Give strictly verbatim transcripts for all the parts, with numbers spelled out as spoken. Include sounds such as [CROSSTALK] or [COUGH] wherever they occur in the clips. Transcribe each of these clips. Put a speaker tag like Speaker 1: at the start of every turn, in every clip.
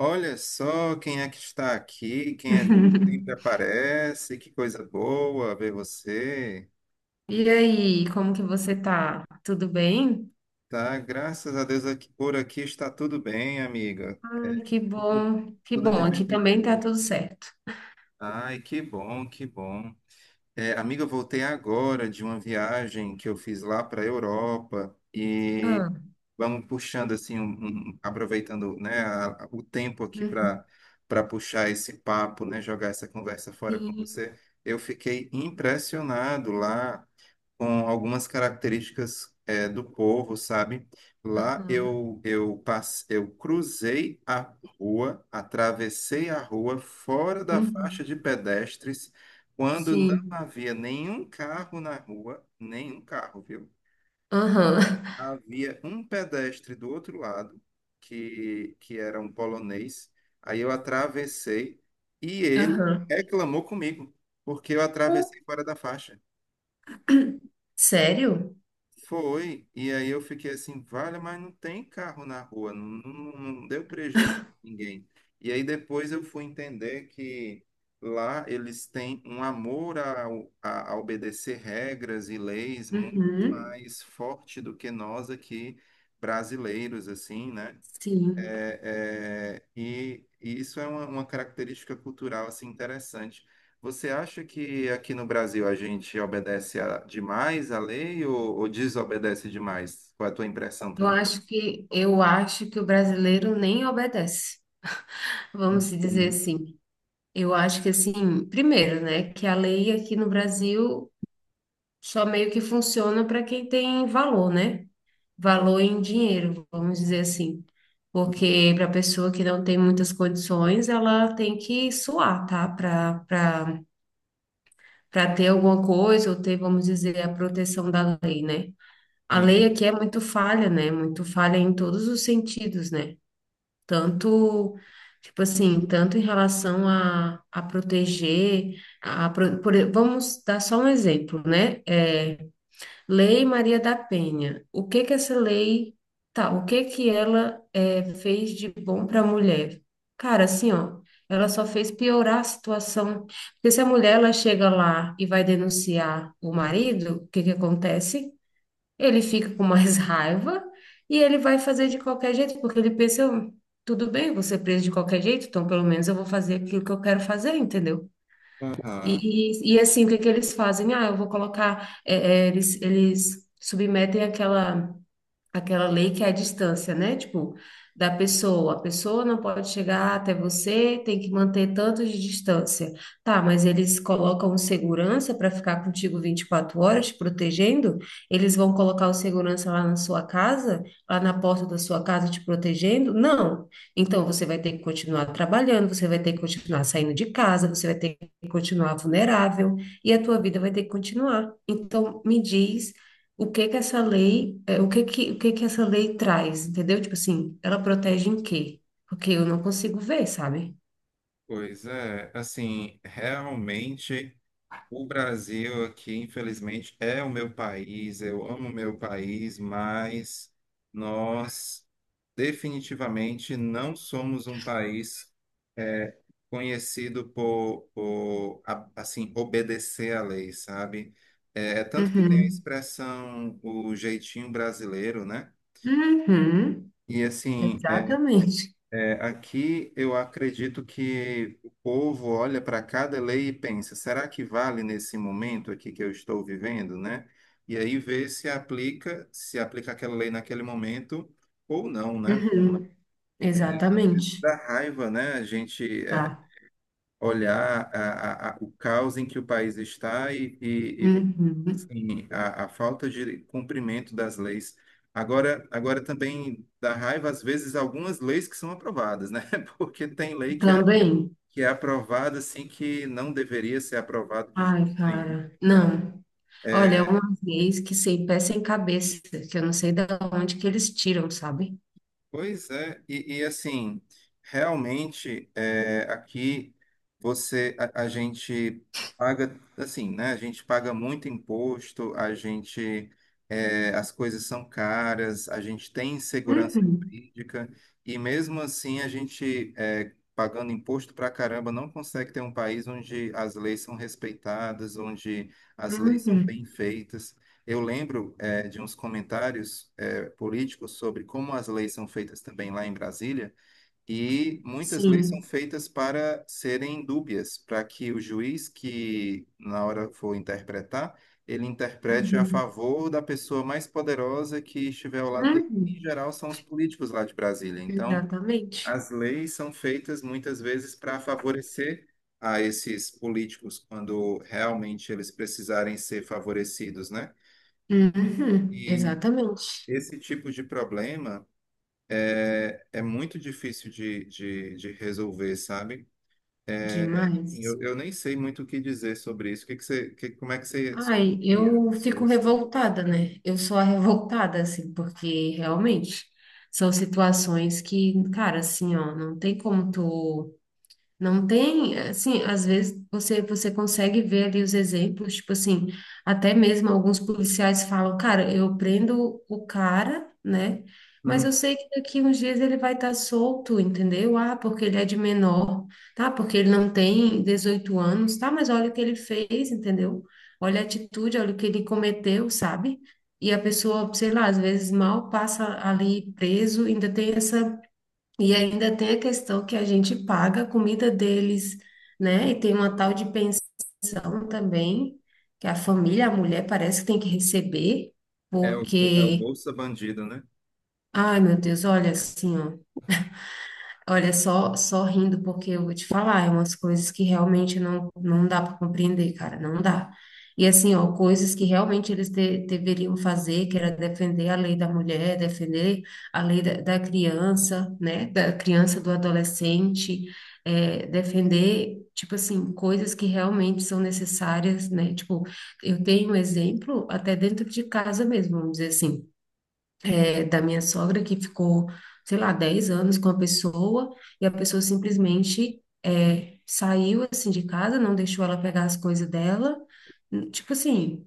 Speaker 1: Olha só quem é que está aqui, quem é vivo sempre
Speaker 2: [LAUGHS]
Speaker 1: aparece, que coisa boa ver você.
Speaker 2: E aí, como que você tá? Tudo bem?
Speaker 1: Tá, graças a Deus aqui, por aqui está tudo bem, amiga.
Speaker 2: Ah, que
Speaker 1: Tudo,
Speaker 2: bom, que
Speaker 1: tudo
Speaker 2: bom.
Speaker 1: de
Speaker 2: Aqui
Speaker 1: vento em
Speaker 2: também tá
Speaker 1: pouco.
Speaker 2: tudo certo.
Speaker 1: Ai, que bom, que bom. É, amiga, eu voltei agora de uma viagem que eu fiz lá para a Europa.
Speaker 2: Ah,
Speaker 1: Vamos puxando assim, um- um- aproveitando, né, a- a- o tempo aqui
Speaker 2: uhum,
Speaker 1: para para puxar esse papo, né, jogar essa conversa fora com
Speaker 2: sim,
Speaker 1: você. Eu fiquei impressionado lá com algumas características eh, do povo, sabe? Lá
Speaker 2: aham,
Speaker 1: eu eu passe, eu cruzei a rua, atravessei a rua fora da
Speaker 2: uhum,
Speaker 1: faixa de pedestres, quando não
Speaker 2: sim,
Speaker 1: havia nenhum carro na rua, nenhum carro, viu?
Speaker 2: aham,
Speaker 1: Havia um pedestre do outro lado, que, que era um polonês. Aí eu atravessei e
Speaker 2: [LAUGHS]
Speaker 1: ele
Speaker 2: aham.
Speaker 1: reclamou comigo, porque eu atravessei fora da faixa.
Speaker 2: Sério?
Speaker 1: Foi, e aí eu fiquei assim, vale, mas não tem carro na rua, não, não, não deu prejuízo a ninguém. E aí depois eu fui entender que lá eles têm um amor ao- a, a obedecer regras e leis muito
Speaker 2: Uhum,
Speaker 1: mais forte do que nós aqui brasileiros, assim, né?
Speaker 2: sim.
Speaker 1: É, é, e, e isso é uma, uma característica cultural assim interessante. Você acha que aqui no Brasil a gente obedece a- demais à lei ou, ou desobedece demais? Qual é a tua impressão
Speaker 2: Eu
Speaker 1: também?
Speaker 2: acho que eu acho que o brasileiro nem obedece. Vamos dizer
Speaker 1: Uhum.
Speaker 2: assim. Eu acho que assim, primeiro, né, que a lei aqui no Brasil só meio que funciona para quem tem valor, né? Valor em dinheiro, vamos dizer assim. Porque para a pessoa que não tem muitas condições, ela tem que suar, tá? Para para para ter alguma coisa ou ter, vamos dizer, a proteção da lei, né? A lei
Speaker 1: Sim.
Speaker 2: aqui é muito falha, né? Muito falha em todos os sentidos, né? Tanto, tipo assim, tanto em relação a, a proteger, a, pro- por, vamos dar só um exemplo, né? É, Lei Maria da Penha. O que que essa lei, tá, o que que ela eh, fez de bom para a mulher? Cara, assim, ó, ela só fez piorar a situação. Porque se a mulher ela chega lá e vai denunciar o marido, o que que acontece? Ele fica com mais [LAUGHS] raiva e ele vai fazer de qualquer jeito, porque ele pensa, "Eu- tudo bem, vou ser preso de qualquer jeito, então pelo menos eu vou fazer aquilo que eu quero fazer, entendeu?"
Speaker 1: Aham.
Speaker 2: E, e, e assim, o que que eles fazem? Ah, eu vou colocar, é, é, eles, eles submetem aquela aquela lei que é a distância, né? Tipo, da pessoa. A pessoa não pode chegar até você, tem que manter tanto de distância. Tá, mas eles colocam o segurança para ficar contigo vinte e quatro horas, te protegendo? Eles vão colocar o segurança lá na sua casa, lá na porta da sua casa, te protegendo? Não. Então, você vai ter que continuar trabalhando, você vai ter que continuar saindo de casa, você vai ter que continuar vulnerável e a tua vida vai ter que continuar. Então, me diz o que que essa lei, é, o que que, o que que essa lei traz, entendeu? Tipo assim, ela protege em quê? Porque eu não consigo ver, sabe?
Speaker 1: Pois é, assim, realmente o Brasil aqui, infelizmente, é o meu país, eu amo o meu país, mas nós definitivamente não somos um país é, conhecido por, por, a- assim, obedecer à lei, sabe? É, é tanto que tem a
Speaker 2: Uhum.
Speaker 1: expressão o jeitinho brasileiro, né?
Speaker 2: Uhum.
Speaker 1: E assim,
Speaker 2: Exatamente.
Speaker 1: é, aqui eu acredito que o povo olha para cada lei e pensa, será que vale nesse momento aqui que eu estou vivendo, né? E aí vê se aplica, se aplica aquela lei naquele momento ou não, né?
Speaker 2: Uhum.
Speaker 1: Às vezes
Speaker 2: Exatamente.
Speaker 1: dá raiva, né? A gente é,
Speaker 2: Tá.
Speaker 1: olhar a, a- a- o caos em que o país está e, e- e,
Speaker 2: Uhum.
Speaker 1: assim, a, a falta de cumprimento das leis. Agora, agora também dá raiva, às vezes, algumas leis que são aprovadas, né? [LAUGHS] Porque tem lei que é,
Speaker 2: Também.
Speaker 1: que é aprovada assim que não deveria ser aprovada de jeito
Speaker 2: Ai,
Speaker 1: nenhum,
Speaker 2: cara.
Speaker 1: né?
Speaker 2: Não. Olha, uma vez que sem pé sem cabeça, que eu não sei da onde que eles tiram, sabe?
Speaker 1: Pois é, e, e, assim, realmente é, aqui você a, a gente paga assim, né? A gente paga muito imposto, a gente é, as coisas são caras, a gente tem insegurança
Speaker 2: Uhum.
Speaker 1: jurídica, e mesmo assim a gente é, pagando imposto pra caramba não consegue ter um país onde as leis são respeitadas, onde as leis são
Speaker 2: Uhum.
Speaker 1: bem feitas. Eu lembro é, de uns comentários políticos sobre como as leis são feitas também lá em Brasília, e muitas leis são
Speaker 2: Sim.
Speaker 1: feitas para serem dúbias, para que o juiz que na hora for interpretar, ele interprete a
Speaker 2: Uhum.
Speaker 1: favor da pessoa mais poderosa que estiver ao lado dele. Em
Speaker 2: Uhum.
Speaker 1: geral, são os políticos lá de Brasília. Então,
Speaker 2: Exatamente.
Speaker 1: as leis são feitas muitas vezes para favorecer a esses políticos quando realmente eles precisarem ser favorecidos, né?
Speaker 2: Uhum,
Speaker 1: E
Speaker 2: exatamente.
Speaker 1: esse tipo de problema É é muito difícil de, de, de resolver, sabe?
Speaker 2: Demais.
Speaker 1: Eu, eu nem sei muito o que dizer sobre isso. O que que você, que, como é que você
Speaker 2: Ai,
Speaker 1: sugeria
Speaker 2: eu
Speaker 1: a
Speaker 2: fico
Speaker 1: solução?
Speaker 2: revoltada, né? Eu sou a revoltada, assim, porque realmente são situações que, cara, assim, ó, não tem como tu. Não tem, assim, às vezes você, você consegue ver ali os exemplos, tipo assim, até mesmo alguns policiais falam, cara, eu prendo o cara, né? Mas
Speaker 1: Hum.
Speaker 2: eu sei que daqui uns dias ele vai estar solto, entendeu? Ah, porque ele é de menor, tá? Porque ele não tem dezoito anos, tá? Mas olha o que ele fez, entendeu? Olha a atitude, olha o que ele cometeu, sabe? E a pessoa, sei lá, às vezes mal passa ali preso, ainda tem essa e ainda tem a questão que a gente paga a comida deles, né? E tem uma tal de pensão também, que a família, a mulher parece que tem que receber,
Speaker 1: É o, é o
Speaker 2: porque,
Speaker 1: Bolsa Bandido, né?
Speaker 2: ai meu Deus, olha assim, ó. Olha, só, só rindo, porque eu vou te falar, é umas coisas que realmente não, não dá para compreender, cara, não dá. E assim, ó, coisas que realmente eles de- deveriam fazer, que era defender a lei da mulher, defender a lei da, da criança, né, da criança, do adolescente, é, defender, tipo assim, coisas que realmente são necessárias, né, tipo, eu tenho um exemplo até dentro de casa mesmo, vamos dizer assim, é, da minha sogra que ficou, sei lá, dez anos com a pessoa e a pessoa simplesmente é, saiu assim de casa, não deixou ela pegar as coisas dela, tipo assim,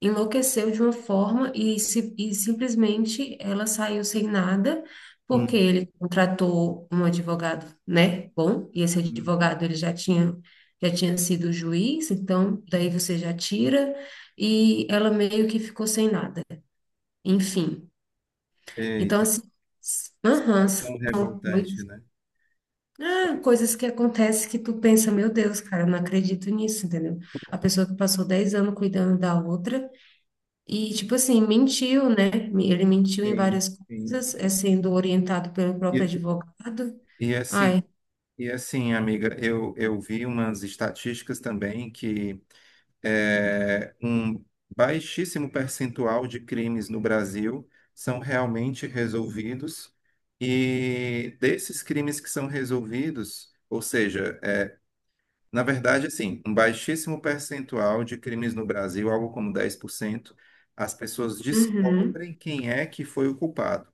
Speaker 2: enlouqueceu de uma forma e, se, e simplesmente ela saiu sem nada. Porque
Speaker 1: Hum.
Speaker 2: ele contratou um advogado, né? Bom, e esse
Speaker 1: Hum.
Speaker 2: advogado ele já tinha já tinha sido juiz, então daí você já tira, e ela meio que ficou sem nada. Enfim, então,
Speaker 1: Eita,
Speaker 2: assim, s- aham, são
Speaker 1: situação revoltante,
Speaker 2: coisas,
Speaker 1: né?
Speaker 2: ah, coisas que acontecem que tu pensa, meu Deus, cara, eu não acredito nisso, entendeu? A pessoa que passou dez anos cuidando da outra e, tipo assim, mentiu, né? Me- Ele mentiu em
Speaker 1: Sim,
Speaker 2: várias
Speaker 1: sim.
Speaker 2: coisas, é sendo orientado pelo
Speaker 1: E,
Speaker 2: próprio advogado.
Speaker 1: e assim,
Speaker 2: Ai,
Speaker 1: e assim, amiga, eu, eu vi umas estatísticas também que é, um baixíssimo percentual de crimes no Brasil são realmente resolvidos, e desses crimes que são resolvidos, ou seja, é, na verdade, assim, um baixíssimo percentual de crimes no Brasil, algo como dez por cento, as pessoas
Speaker 2: uhum,
Speaker 1: descobrem quem é que foi o culpado.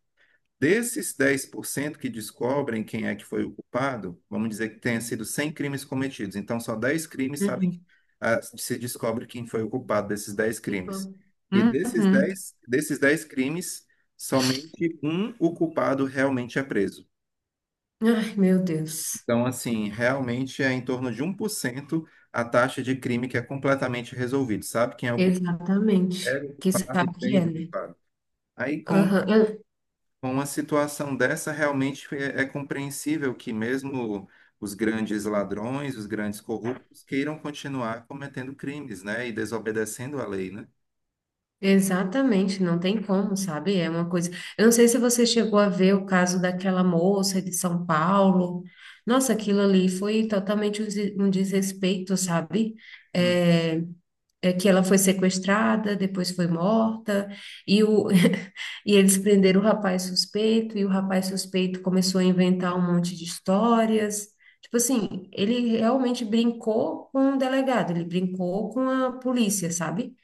Speaker 1: Desses dez por cento que descobrem quem é que foi o culpado, vamos dizer que tenha sido cem crimes cometidos. Então, só dez crimes sabem,
Speaker 2: uhum,
Speaker 1: ah, se descobre quem foi o culpado desses dez
Speaker 2: tipo,
Speaker 1: crimes. E desses
Speaker 2: uhum.
Speaker 1: dez desses dez crimes, somente um o culpado realmente é preso.
Speaker 2: Ai, meu Deus,
Speaker 1: Então, assim, realmente é em torno de um por cento a taxa de crime que é completamente resolvido. Sabe quem é o culpado?
Speaker 2: exatamente.
Speaker 1: Pega o
Speaker 2: Que
Speaker 1: culpado e
Speaker 2: sabe o que é,
Speaker 1: prende o
Speaker 2: né?
Speaker 1: culpado. Aí, com
Speaker 2: Aham,
Speaker 1: Com uma situação dessa, realmente é, é compreensível que mesmo os grandes ladrões, os grandes corruptos, queiram continuar cometendo crimes, né, e desobedecendo a lei, né?
Speaker 2: exatamente, não tem como, sabe? É uma coisa. Eu não sei se você chegou a ver o caso daquela moça de São Paulo. Nossa, aquilo ali foi totalmente um des- um desrespeito, sabe?
Speaker 1: Hum.
Speaker 2: É, é que ela foi sequestrada, depois foi morta, e, o, [LAUGHS] e eles prenderam o rapaz suspeito, e o rapaz suspeito começou a inventar um monte de histórias. Tipo assim, ele realmente brincou com o delegado, ele brincou com a polícia, sabe?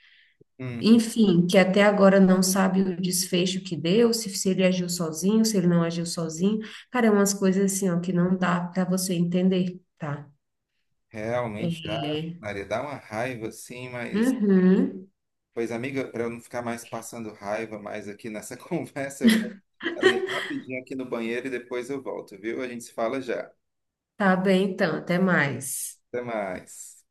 Speaker 1: Hum,
Speaker 2: Enfim, que até agora não sabe o desfecho que deu, se, se ele agiu sozinho, se ele não agiu sozinho. Cara, é umas coisas assim, ó, que não dá para você entender, tá?
Speaker 1: realmente, dá,
Speaker 2: É.
Speaker 1: Maria, dá uma raiva, sim, mas,
Speaker 2: Uhum.
Speaker 1: pois, amiga, para eu não ficar mais passando raiva mais aqui nessa [LAUGHS] conversa, eu vou ali rapidinho aqui no banheiro e depois eu volto, viu? A gente se fala já.
Speaker 2: Tá bem, então, até mais.
Speaker 1: Até mais.